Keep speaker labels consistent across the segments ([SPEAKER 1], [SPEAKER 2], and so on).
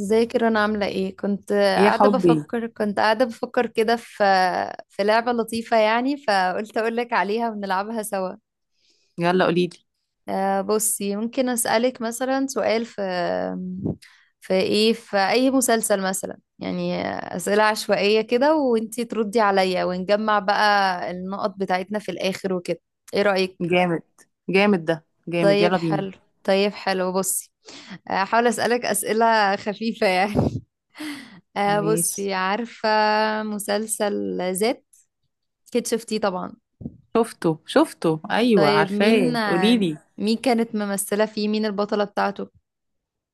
[SPEAKER 1] ازيك، انا عاملة ايه؟ كنت
[SPEAKER 2] إيه يا
[SPEAKER 1] قاعدة
[SPEAKER 2] حبي.
[SPEAKER 1] بفكر كنت قاعدة بفكر كده في لعبة لطيفة يعني، فقلت اقولك عليها ونلعبها سوا.
[SPEAKER 2] يلا قوليلي.
[SPEAKER 1] بصي، ممكن اسألك مثلا سؤال في اي مسلسل مثلا يعني، اسئلة عشوائية كده وانتي تردي عليا ونجمع بقى النقط بتاعتنا في الاخر وكده. ايه رأيك؟
[SPEAKER 2] جامد. جامد ده جامد،
[SPEAKER 1] طيب
[SPEAKER 2] يلا بينا.
[SPEAKER 1] حلو. بصي، احاول اسالك اسئله خفيفه يعني.
[SPEAKER 2] ماشي.
[SPEAKER 1] بصي، عارفه مسلسل ذات؟ اكيد شفتيه طبعا.
[SPEAKER 2] شفته شفته، ايوه
[SPEAKER 1] طيب
[SPEAKER 2] عارفاه، قوليلي.
[SPEAKER 1] مين كانت ممثله فيه؟ مين البطله بتاعته؟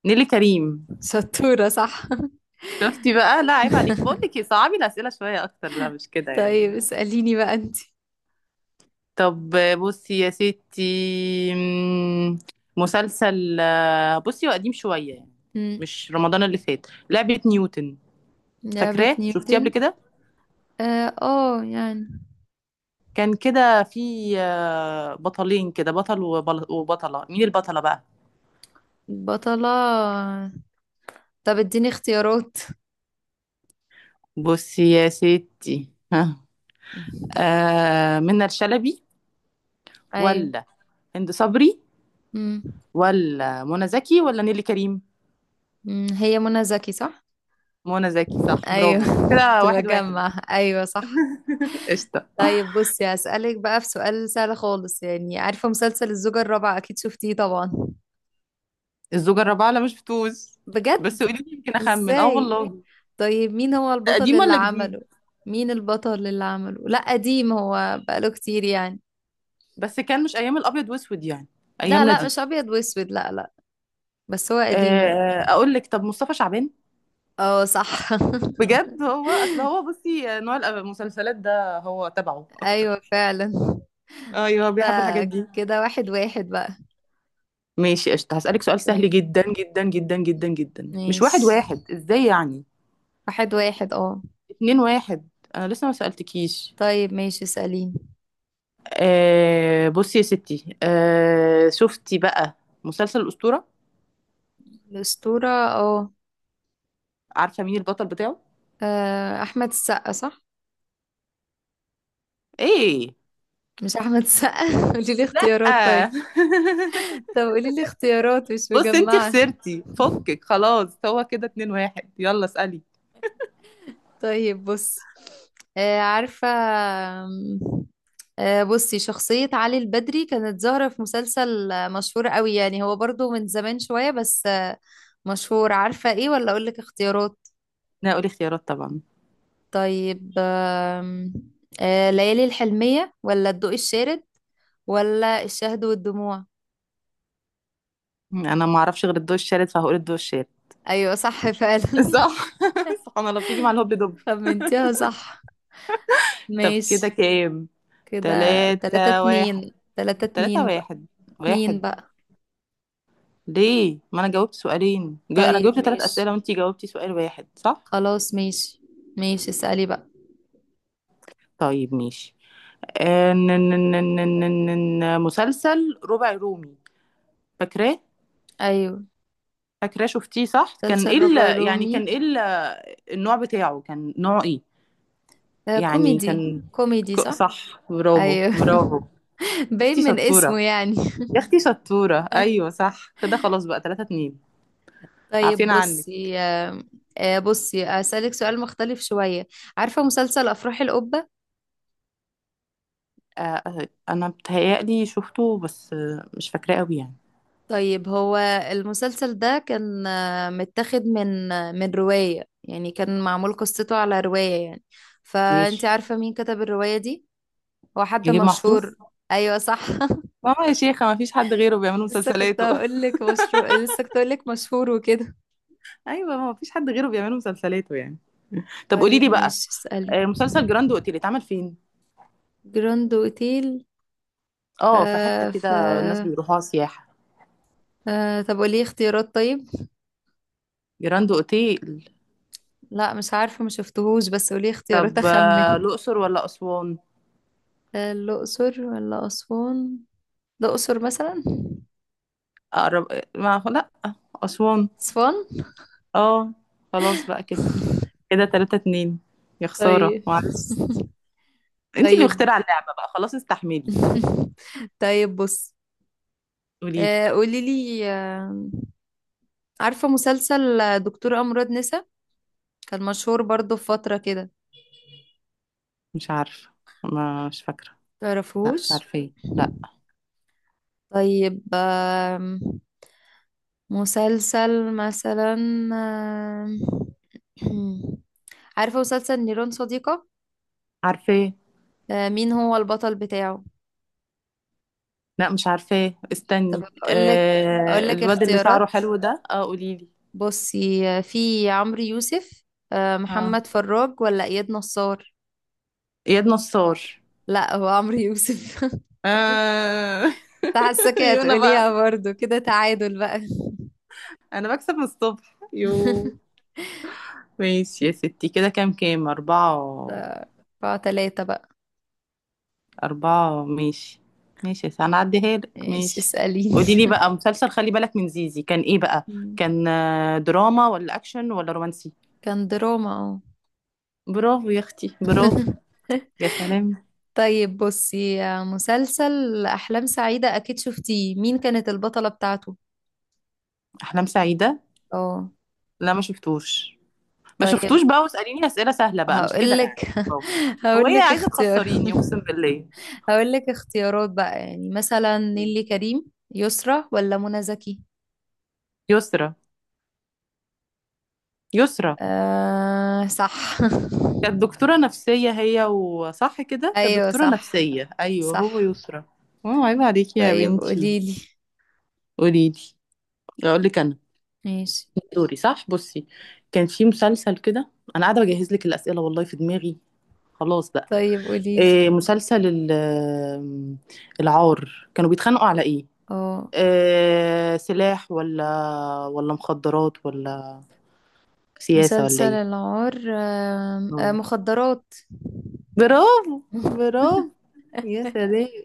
[SPEAKER 2] نيلي كريم.
[SPEAKER 1] شطوره صح.
[SPEAKER 2] شفتي بقى؟ لا عيب عليكي، بقول لك إيه، صعبي الاسئله شويه اكتر، لا مش كده يعني.
[SPEAKER 1] طيب اساليني بقى انت.
[SPEAKER 2] طب بصي يا ستي، مم، مسلسل بصي هو قديم شويه يعني.
[SPEAKER 1] مم.
[SPEAKER 2] مش رمضان اللي فات لعبه نيوتن؟
[SPEAKER 1] لعبه
[SPEAKER 2] فاكراه؟ شفتيه قبل
[SPEAKER 1] نيوتن.
[SPEAKER 2] كده؟
[SPEAKER 1] اه يعني.
[SPEAKER 2] كان كده في بطلين، كده بطل وبطله، مين البطله بقى؟
[SPEAKER 1] البطله، طب اديني اختيارات.
[SPEAKER 2] بصي يا ستي ها، منى الشلبي،
[SPEAKER 1] ايوه.
[SPEAKER 2] ولا هند صبري،
[SPEAKER 1] مم.
[SPEAKER 2] ولا منى زكي، ولا نيلي كريم؟
[SPEAKER 1] هي منى زكي صح؟
[SPEAKER 2] منى زكي صح،
[SPEAKER 1] ايوه.
[SPEAKER 2] برافو،
[SPEAKER 1] كنت
[SPEAKER 2] كده واحد واحد.
[SPEAKER 1] بجمع، ايوه صح.
[SPEAKER 2] قشطة.
[SPEAKER 1] طيب بصي هسألك بقى في سؤال سهل خالص يعني، عارفة مسلسل الزوجة الرابعة؟ اكيد شفتيه طبعا.
[SPEAKER 2] الزوجة الرابعة؟ لا مش بتوز،
[SPEAKER 1] بجد؟
[SPEAKER 2] بس قولي لي يمكن أخمن، اه
[SPEAKER 1] ازاي؟
[SPEAKER 2] والله.
[SPEAKER 1] طيب مين هو
[SPEAKER 2] ده
[SPEAKER 1] البطل
[SPEAKER 2] قديم
[SPEAKER 1] اللي
[SPEAKER 2] ولا
[SPEAKER 1] عمله؟
[SPEAKER 2] جديد؟
[SPEAKER 1] مين البطل اللي عمله؟ لا قديم، هو بقاله كتير يعني.
[SPEAKER 2] بس كان مش أيام الأبيض وأسود يعني،
[SPEAKER 1] لا
[SPEAKER 2] أيامنا
[SPEAKER 1] لا،
[SPEAKER 2] دي.
[SPEAKER 1] مش ابيض واسود، لا لا. بس هو قديم.
[SPEAKER 2] أقول لك، طب مصطفى شعبان؟
[SPEAKER 1] اه صح.
[SPEAKER 2] بجد، هو أصل هو بصي، نوع المسلسلات ده هو تبعه أكتر.
[SPEAKER 1] ايوه فعلا.
[SPEAKER 2] أيوه
[SPEAKER 1] كده
[SPEAKER 2] بيحب الحاجات دي.
[SPEAKER 1] كده واحد واحد بقى.
[SPEAKER 2] ماشي قشطة، هسألك سؤال سهل
[SPEAKER 1] طيب
[SPEAKER 2] جدا جدا جدا جدا جدا، مش واحد
[SPEAKER 1] ماشي.
[SPEAKER 2] واحد ازاي يعني؟
[SPEAKER 1] واحد واحد اه.
[SPEAKER 2] اتنين واحد، انا لسه ما سألتكيش.
[SPEAKER 1] طيب ماشي، اسأليني.
[SPEAKER 2] بصي يا ستي، شفتي بقى مسلسل الأسطورة؟
[SPEAKER 1] الأسطورة اه.
[SPEAKER 2] عارفة مين البطل بتاعه؟
[SPEAKER 1] أحمد السقا صح؟
[SPEAKER 2] ايه؟
[SPEAKER 1] مش أحمد السقا. قولي لي اختيارات
[SPEAKER 2] آه.
[SPEAKER 1] طيب. طب قولي لي اختيارات مش
[SPEAKER 2] بص انتي
[SPEAKER 1] مجمعة.
[SPEAKER 2] خسرتي، فكك خلاص، هو كده اتنين واحد، يلا اسألي.
[SPEAKER 1] طيب بصي، عارفة، آم، آه، بصي، شخصية علي البدري كانت ظاهرة في مسلسل مشهور قوي يعني، هو برضو من زمان شوية بس مشهور. عارفة ايه ولا أقولك اختيارات؟
[SPEAKER 2] انا هقول اختيارات طبعا.
[SPEAKER 1] طيب آم، آه، ليالي الحلمية ولا الضوء الشارد ولا الشهد والدموع؟
[SPEAKER 2] انا ما اعرفش غير الضوء الشارد، فهقول الضوء الشارد.
[SPEAKER 1] ايوه صح فعلا.
[SPEAKER 2] صح سبحان الله، بتيجي مع الهبل دب.
[SPEAKER 1] خمنتيها صح.
[SPEAKER 2] طب كده
[SPEAKER 1] ماشي.
[SPEAKER 2] كام؟
[SPEAKER 1] كده تلاتة
[SPEAKER 2] تلاتة واحد،
[SPEAKER 1] اتنين، تلاتة
[SPEAKER 2] تلاتة
[SPEAKER 1] اتنين بقى.
[SPEAKER 2] واحد.
[SPEAKER 1] اتنين
[SPEAKER 2] واحد،
[SPEAKER 1] بقى.
[SPEAKER 2] ليه؟ ما انا جاوبت سؤالين انا
[SPEAKER 1] طيب
[SPEAKER 2] جاوبت تلات
[SPEAKER 1] ماشي.
[SPEAKER 2] اسئله وانتي جاوبتي سؤال واحد، صح؟
[SPEAKER 1] خلاص ماشي. ماشي اسألي بقى.
[SPEAKER 2] طيب ماشي. مسلسل ربع رومي، فاكراه؟
[SPEAKER 1] ايوه.
[SPEAKER 2] فاكراه شفتيه صح، كان
[SPEAKER 1] مسلسل
[SPEAKER 2] ايه
[SPEAKER 1] ربع
[SPEAKER 2] يعني
[SPEAKER 1] رومي.
[SPEAKER 2] كان ايه النوع بتاعه، كان نوع ايه
[SPEAKER 1] ده
[SPEAKER 2] يعني؟
[SPEAKER 1] كوميدي
[SPEAKER 2] كان
[SPEAKER 1] كوميدي صح.
[SPEAKER 2] صح، برافو
[SPEAKER 1] ايوه.
[SPEAKER 2] برافو يا
[SPEAKER 1] باين
[SPEAKER 2] اختي
[SPEAKER 1] من
[SPEAKER 2] شطوره.
[SPEAKER 1] اسمه يعني.
[SPEAKER 2] يا اختي شطوره، ايوه صح كده، خلاص بقى تلاتة اتنين.
[SPEAKER 1] طيب
[SPEAKER 2] عارفين عنك.
[SPEAKER 1] بصي آه، آه، بصي اسألك سؤال مختلف شوية. عارفة مسلسل افراح القبة؟
[SPEAKER 2] انا بتهيألي شفته بس مش فاكراه قوي يعني.
[SPEAKER 1] طيب، هو المسلسل ده كان متاخد من رواية يعني، كان معمول قصته على رواية يعني، فانت
[SPEAKER 2] ماشي،
[SPEAKER 1] عارفة مين كتب الرواية دي؟ هو حد
[SPEAKER 2] نجيب محفوظ.
[SPEAKER 1] مشهور. ايوه صح.
[SPEAKER 2] اه يا شيخة، ما فيش حد غيره بيعمل مسلسلاته.
[SPEAKER 1] لسه كنت هقول لك مشهور وكده.
[SPEAKER 2] ايوه ما فيش حد غيره بيعمل مسلسلاته يعني. طب قولي
[SPEAKER 1] طيب
[SPEAKER 2] لي بقى،
[SPEAKER 1] ماشي، اسألي.
[SPEAKER 2] مسلسل جراند اوتيل اتعمل فين؟
[SPEAKER 1] جراند اوتيل.
[SPEAKER 2] اه في حتة
[SPEAKER 1] آه ف
[SPEAKER 2] كده الناس بيروحوها سياحة.
[SPEAKER 1] آه طب قولي اختيارات طيب.
[SPEAKER 2] جراند اوتيل.
[SPEAKER 1] لا مش عارفة، ما شفتهوش، بس قولي اختيارات
[SPEAKER 2] طب
[SPEAKER 1] اخمن.
[SPEAKER 2] الاقصر ولا اسوان؟
[SPEAKER 1] آه الأقصر ولا أسوان؟ الأقصر مثلا.
[SPEAKER 2] اقرب ما لا، اسوان.
[SPEAKER 1] It's fun.
[SPEAKER 2] اه خلاص بقى كده، كده 3-2، يا خسارة
[SPEAKER 1] طيب.
[SPEAKER 2] معلش. انتي اللي
[SPEAKER 1] طيب.
[SPEAKER 2] مخترعة اللعبة بقى خلاص، استحملي.
[SPEAKER 1] طيب بص.
[SPEAKER 2] قولي.
[SPEAKER 1] آه قولي لي آه. عارفة مسلسل دكتور أمراض نسا؟ كان مشهور برضو في فترة كده.
[SPEAKER 2] مش عارفة، مش فاكرة. لا مش
[SPEAKER 1] تعرفوش؟
[SPEAKER 2] عارفة لا.
[SPEAKER 1] طيب مسلسل مثلا، آم، عارفة مسلسل نيران صديقة؟
[SPEAKER 2] عارفة.
[SPEAKER 1] آه، مين هو البطل بتاعه؟
[SPEAKER 2] لا مش عارفة،
[SPEAKER 1] طب
[SPEAKER 2] استني،
[SPEAKER 1] أقول
[SPEAKER 2] آه
[SPEAKER 1] لك
[SPEAKER 2] الواد اللي شعره
[SPEAKER 1] اختيارات.
[SPEAKER 2] حلو ده، اه قوليلي.
[SPEAKER 1] بصي في عمرو يوسف،
[SPEAKER 2] اه،
[SPEAKER 1] محمد فراج، ولا اياد نصار.
[SPEAKER 2] اياد نصار.
[SPEAKER 1] لا هو عمرو يوسف.
[SPEAKER 2] آه.
[SPEAKER 1] انت حاساكي
[SPEAKER 2] يو انا بقى،
[SPEAKER 1] هتقوليها برضو، كده تعادل بقى.
[SPEAKER 2] انا بكسب من الصبح، يو. ماشي يا ستي، كده كام؟ كام أربعة
[SPEAKER 1] ده اربعة تلاتة بقى.
[SPEAKER 2] أربعة، ماشي. ماشي يا ستي، هنعديها لك،
[SPEAKER 1] ايش،
[SPEAKER 2] ماشي.
[SPEAKER 1] اسأليني.
[SPEAKER 2] قولي لي بقى، مسلسل خلي بالك من زيزي كان ايه بقى؟
[SPEAKER 1] مم.
[SPEAKER 2] كان دراما ولا اكشن ولا رومانسي؟
[SPEAKER 1] كان دراما اه.
[SPEAKER 2] برافو يا اختي برافو، يا سلام.
[SPEAKER 1] طيب بصي مسلسل أحلام سعيدة أكيد شفتيه، مين كانت البطلة بتاعته؟
[SPEAKER 2] احلام سعيده؟
[SPEAKER 1] اه،
[SPEAKER 2] لا ما شفتوش. ما شفتوش
[SPEAKER 1] طيب
[SPEAKER 2] بقى، واساليني اسئله سهله بقى، مش كده
[SPEAKER 1] هقولك.
[SPEAKER 2] يعني. هو ايه،
[SPEAKER 1] هقولك
[SPEAKER 2] عايزه
[SPEAKER 1] اختيار.
[SPEAKER 2] تخسريني؟ اقسم بالله.
[SPEAKER 1] هقول لك اختيارات بقى، يعني مثلا نيلي كريم، يسرا، ولا منى زكي.
[SPEAKER 2] يسرا، يسرا.
[SPEAKER 1] آه صح.
[SPEAKER 2] كانت دكتوره نفسيه هي، وصح كده، كانت
[SPEAKER 1] ايوه
[SPEAKER 2] دكتوره
[SPEAKER 1] صح.
[SPEAKER 2] نفسيه، ايوه هو
[SPEAKER 1] صح.
[SPEAKER 2] يسرا. اه عيب عليكي يا
[SPEAKER 1] طيب
[SPEAKER 2] بنتي.
[SPEAKER 1] قوليلي.
[SPEAKER 2] قولي لي. اقول لك انا
[SPEAKER 1] ماشي.
[SPEAKER 2] دوري صح؟ بصي، كان في مسلسل كده، انا قاعده بجهز لك الاسئله والله في دماغي. خلاص بقى.
[SPEAKER 1] طيب قوليلي.
[SPEAKER 2] إيه مسلسل العار، كانوا بيتخانقوا على ايه؟
[SPEAKER 1] اه،
[SPEAKER 2] سلاح، ولا ولا مخدرات، ولا سياسة ولا
[SPEAKER 1] مسلسل
[SPEAKER 2] ايه؟
[SPEAKER 1] العار، آم، آه
[SPEAKER 2] اه،
[SPEAKER 1] مخدرات.
[SPEAKER 2] برافو، برافو، يا سلام.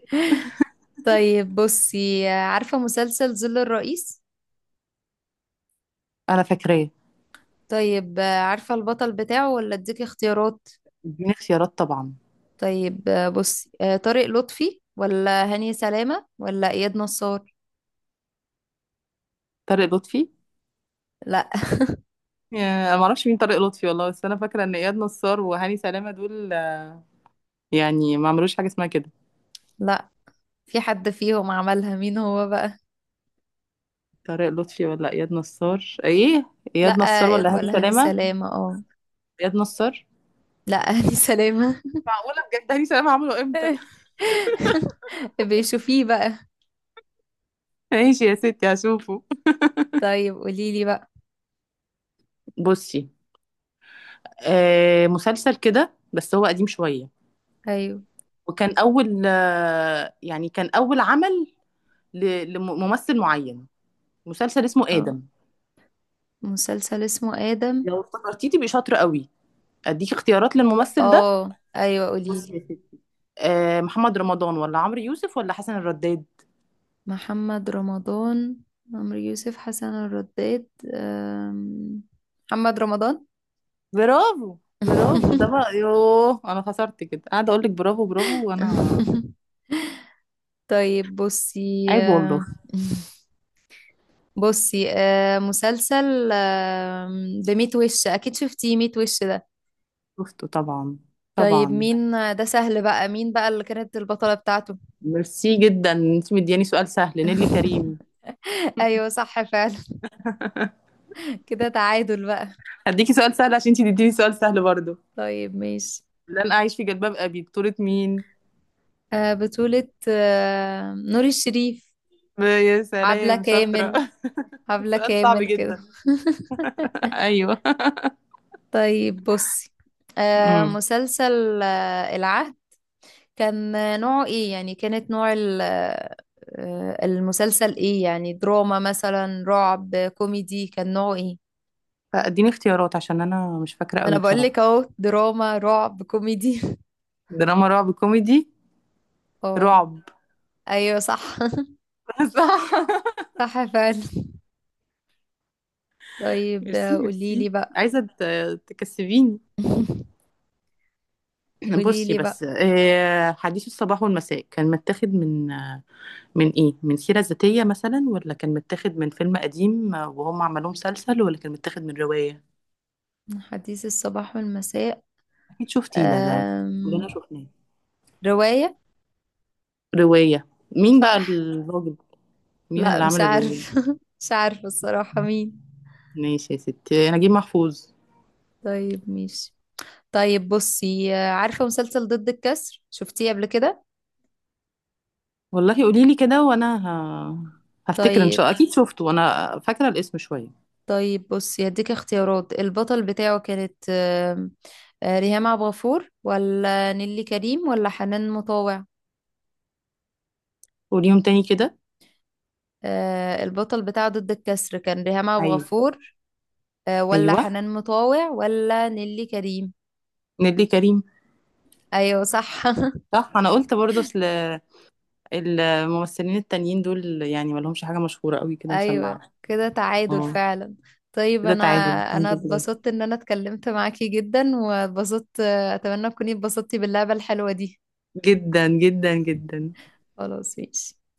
[SPEAKER 1] طيب بصي، عارفة مسلسل ظل الرئيس؟
[SPEAKER 2] انا فاكراه.
[SPEAKER 1] طيب عارفة البطل بتاعه، ولا اديكي اختيارات؟
[SPEAKER 2] اديني اختيارات طبعا.
[SPEAKER 1] طيب بصي، طارق لطفي ولا هاني سلامة ولا اياد نصار.
[SPEAKER 2] طارق لطفي.
[SPEAKER 1] لا.
[SPEAKER 2] يا- انا ما اعرفش مين طارق لطفي والله، بس انا فاكره ان اياد نصار وهاني سلامه دول يعني ما عملوش حاجه اسمها كده.
[SPEAKER 1] لا، في حد فيهم عملها، مين هو بقى؟
[SPEAKER 2] طارق لطفي ولا اياد نصار ايه؟
[SPEAKER 1] لا،
[SPEAKER 2] اياد نصار ولا هاني
[SPEAKER 1] ولا هاني
[SPEAKER 2] سلامه؟
[SPEAKER 1] سلامة اه.
[SPEAKER 2] اياد نصار.
[SPEAKER 1] لا هاني سلامة.
[SPEAKER 2] معقوله بجد؟ هاني سلامه عمله امتى؟
[SPEAKER 1] بيشوفيه بقى.
[SPEAKER 2] ماشي يا ستي هشوفه.
[SPEAKER 1] طيب قوليلي بقى.
[SPEAKER 2] بصي مسلسل كده بس هو قديم شوية،
[SPEAKER 1] ايوه.
[SPEAKER 2] وكان أول يعني كان أول عمل لممثل معين، مسلسل اسمه
[SPEAKER 1] اه،
[SPEAKER 2] آدم.
[SPEAKER 1] مسلسل اسمه آدم.
[SPEAKER 2] لو افتكرتيه تبقي شاطرة قوي. أديك اختيارات للممثل ده.
[SPEAKER 1] اه، ايوه
[SPEAKER 2] بصي
[SPEAKER 1] قوليلي.
[SPEAKER 2] يا ستي، محمد رمضان ولا عمرو يوسف ولا حسن الرداد؟
[SPEAKER 1] محمد رمضان، عمرو يوسف، حسن الرداد. أم، محمد رمضان.
[SPEAKER 2] برافو برافو، ده بقى، يوه أنا خسرت، كده قاعدة أقول لك برافو برافو وأنا.
[SPEAKER 1] طيب بصي
[SPEAKER 2] عيب والله.
[SPEAKER 1] بصي مسلسل ده، ميت وش اكيد شفتيه، ميت وش ده.
[SPEAKER 2] شفته طبعا،
[SPEAKER 1] طيب
[SPEAKER 2] طبعا.
[SPEAKER 1] مين، ده سهل بقى، مين بقى اللي كانت البطلة بتاعته؟
[SPEAKER 2] ميرسي جدا، انت مدياني سؤال سهل، نيلي كريم.
[SPEAKER 1] ايوه صح فعلا. كده تعادل بقى.
[SPEAKER 2] هديكي سؤال سهل عشان انتي تديني سؤال سهل برضه.
[SPEAKER 1] طيب ماشي.
[SPEAKER 2] اللي انا عايش في جلباب ابي بطولة مين؟
[SPEAKER 1] بطولة نور الشريف.
[SPEAKER 2] يا
[SPEAKER 1] عبلة
[SPEAKER 2] سلام شاطرة.
[SPEAKER 1] كامل. عبلة
[SPEAKER 2] سؤال صعب
[SPEAKER 1] كامل كده.
[SPEAKER 2] جدا. ايوه.
[SPEAKER 1] طيب بصي
[SPEAKER 2] امم.
[SPEAKER 1] مسلسل العهد، كان نوعه ايه يعني، كانت نوع المسلسل ايه يعني، دراما مثلا، رعب، كوميدي، كان نوعه ايه؟
[SPEAKER 2] فاديني اختيارات عشان انا مش فاكرة
[SPEAKER 1] ما انا
[SPEAKER 2] قوي
[SPEAKER 1] بقول
[SPEAKER 2] بصراحة.
[SPEAKER 1] لك اهو، دراما رعب كوميدي.
[SPEAKER 2] دراما رعب كوميدي؟
[SPEAKER 1] اه،
[SPEAKER 2] رعب.
[SPEAKER 1] ايوه صح.
[SPEAKER 2] صح.
[SPEAKER 1] صح فعلا. طيب
[SPEAKER 2] ميرسي
[SPEAKER 1] قولي
[SPEAKER 2] ميرسي.
[SPEAKER 1] لي بقى.
[SPEAKER 2] عايزة تكسبيني.
[SPEAKER 1] قولي
[SPEAKER 2] بصي
[SPEAKER 1] لي
[SPEAKER 2] بس
[SPEAKER 1] بقى.
[SPEAKER 2] حديث الصباح والمساء كان متاخد من من ايه، من سيرة ذاتية مثلا، ولا كان متاخد من فيلم قديم وهم عملوه مسلسل، ولا كان متاخد من رواية؟
[SPEAKER 1] حديث الصباح والمساء.
[SPEAKER 2] أكيد شفتيه ده، ده كلنا
[SPEAKER 1] أم...
[SPEAKER 2] شفناه.
[SPEAKER 1] رواية.
[SPEAKER 2] رواية. مين بقى
[SPEAKER 1] صح.
[SPEAKER 2] الراجل، مين
[SPEAKER 1] لا
[SPEAKER 2] اللي
[SPEAKER 1] مش
[SPEAKER 2] عمل الرواية؟
[SPEAKER 1] عارف. مش عارفة الصراحة مين.
[SPEAKER 2] ماشي يا ستي، نجيب محفوظ.
[SPEAKER 1] طيب ماشي. طيب بصي، عارفة مسلسل ضد الكسر؟ شفتيه قبل كده؟
[SPEAKER 2] والله قولي لي كده وانا هفتكر ان
[SPEAKER 1] طيب.
[SPEAKER 2] شاء الله، اكيد شفته، انا فاكره الاسم شويه.
[SPEAKER 1] طيب بصي هديك اختيارات، البطل بتاعه كانت آم، آه، ريهام عبد الغفور ولا نيلي كريم ولا حنان مطاوع.
[SPEAKER 2] قوليهم تاني كده.
[SPEAKER 1] البطل بتاعه ضد الكسر، كان ريهام عبد
[SPEAKER 2] ايوه،
[SPEAKER 1] الغفور ولا
[SPEAKER 2] ايوه،
[SPEAKER 1] حنان مطاوع ولا نيلي كريم.
[SPEAKER 2] نيللي كريم.
[SPEAKER 1] ايوه صح.
[SPEAKER 2] صح، انا قلت برضه، اصل الممثلين التانيين دول يعني ما لهمش حاجه مشهوره قوي كده،
[SPEAKER 1] ايوه
[SPEAKER 2] مسمعه.
[SPEAKER 1] كده تعادل
[SPEAKER 2] اه.
[SPEAKER 1] فعلا. طيب
[SPEAKER 2] كده تعادل الحمد
[SPEAKER 1] انا
[SPEAKER 2] لله.
[SPEAKER 1] اتبسطت ان انا اتكلمت معاكي جدا، واتبسطت، اتمنى تكوني اتبسطتي باللعبة الحلوة دي.
[SPEAKER 2] جدا جدا جدا.
[SPEAKER 1] خلاص ماشي.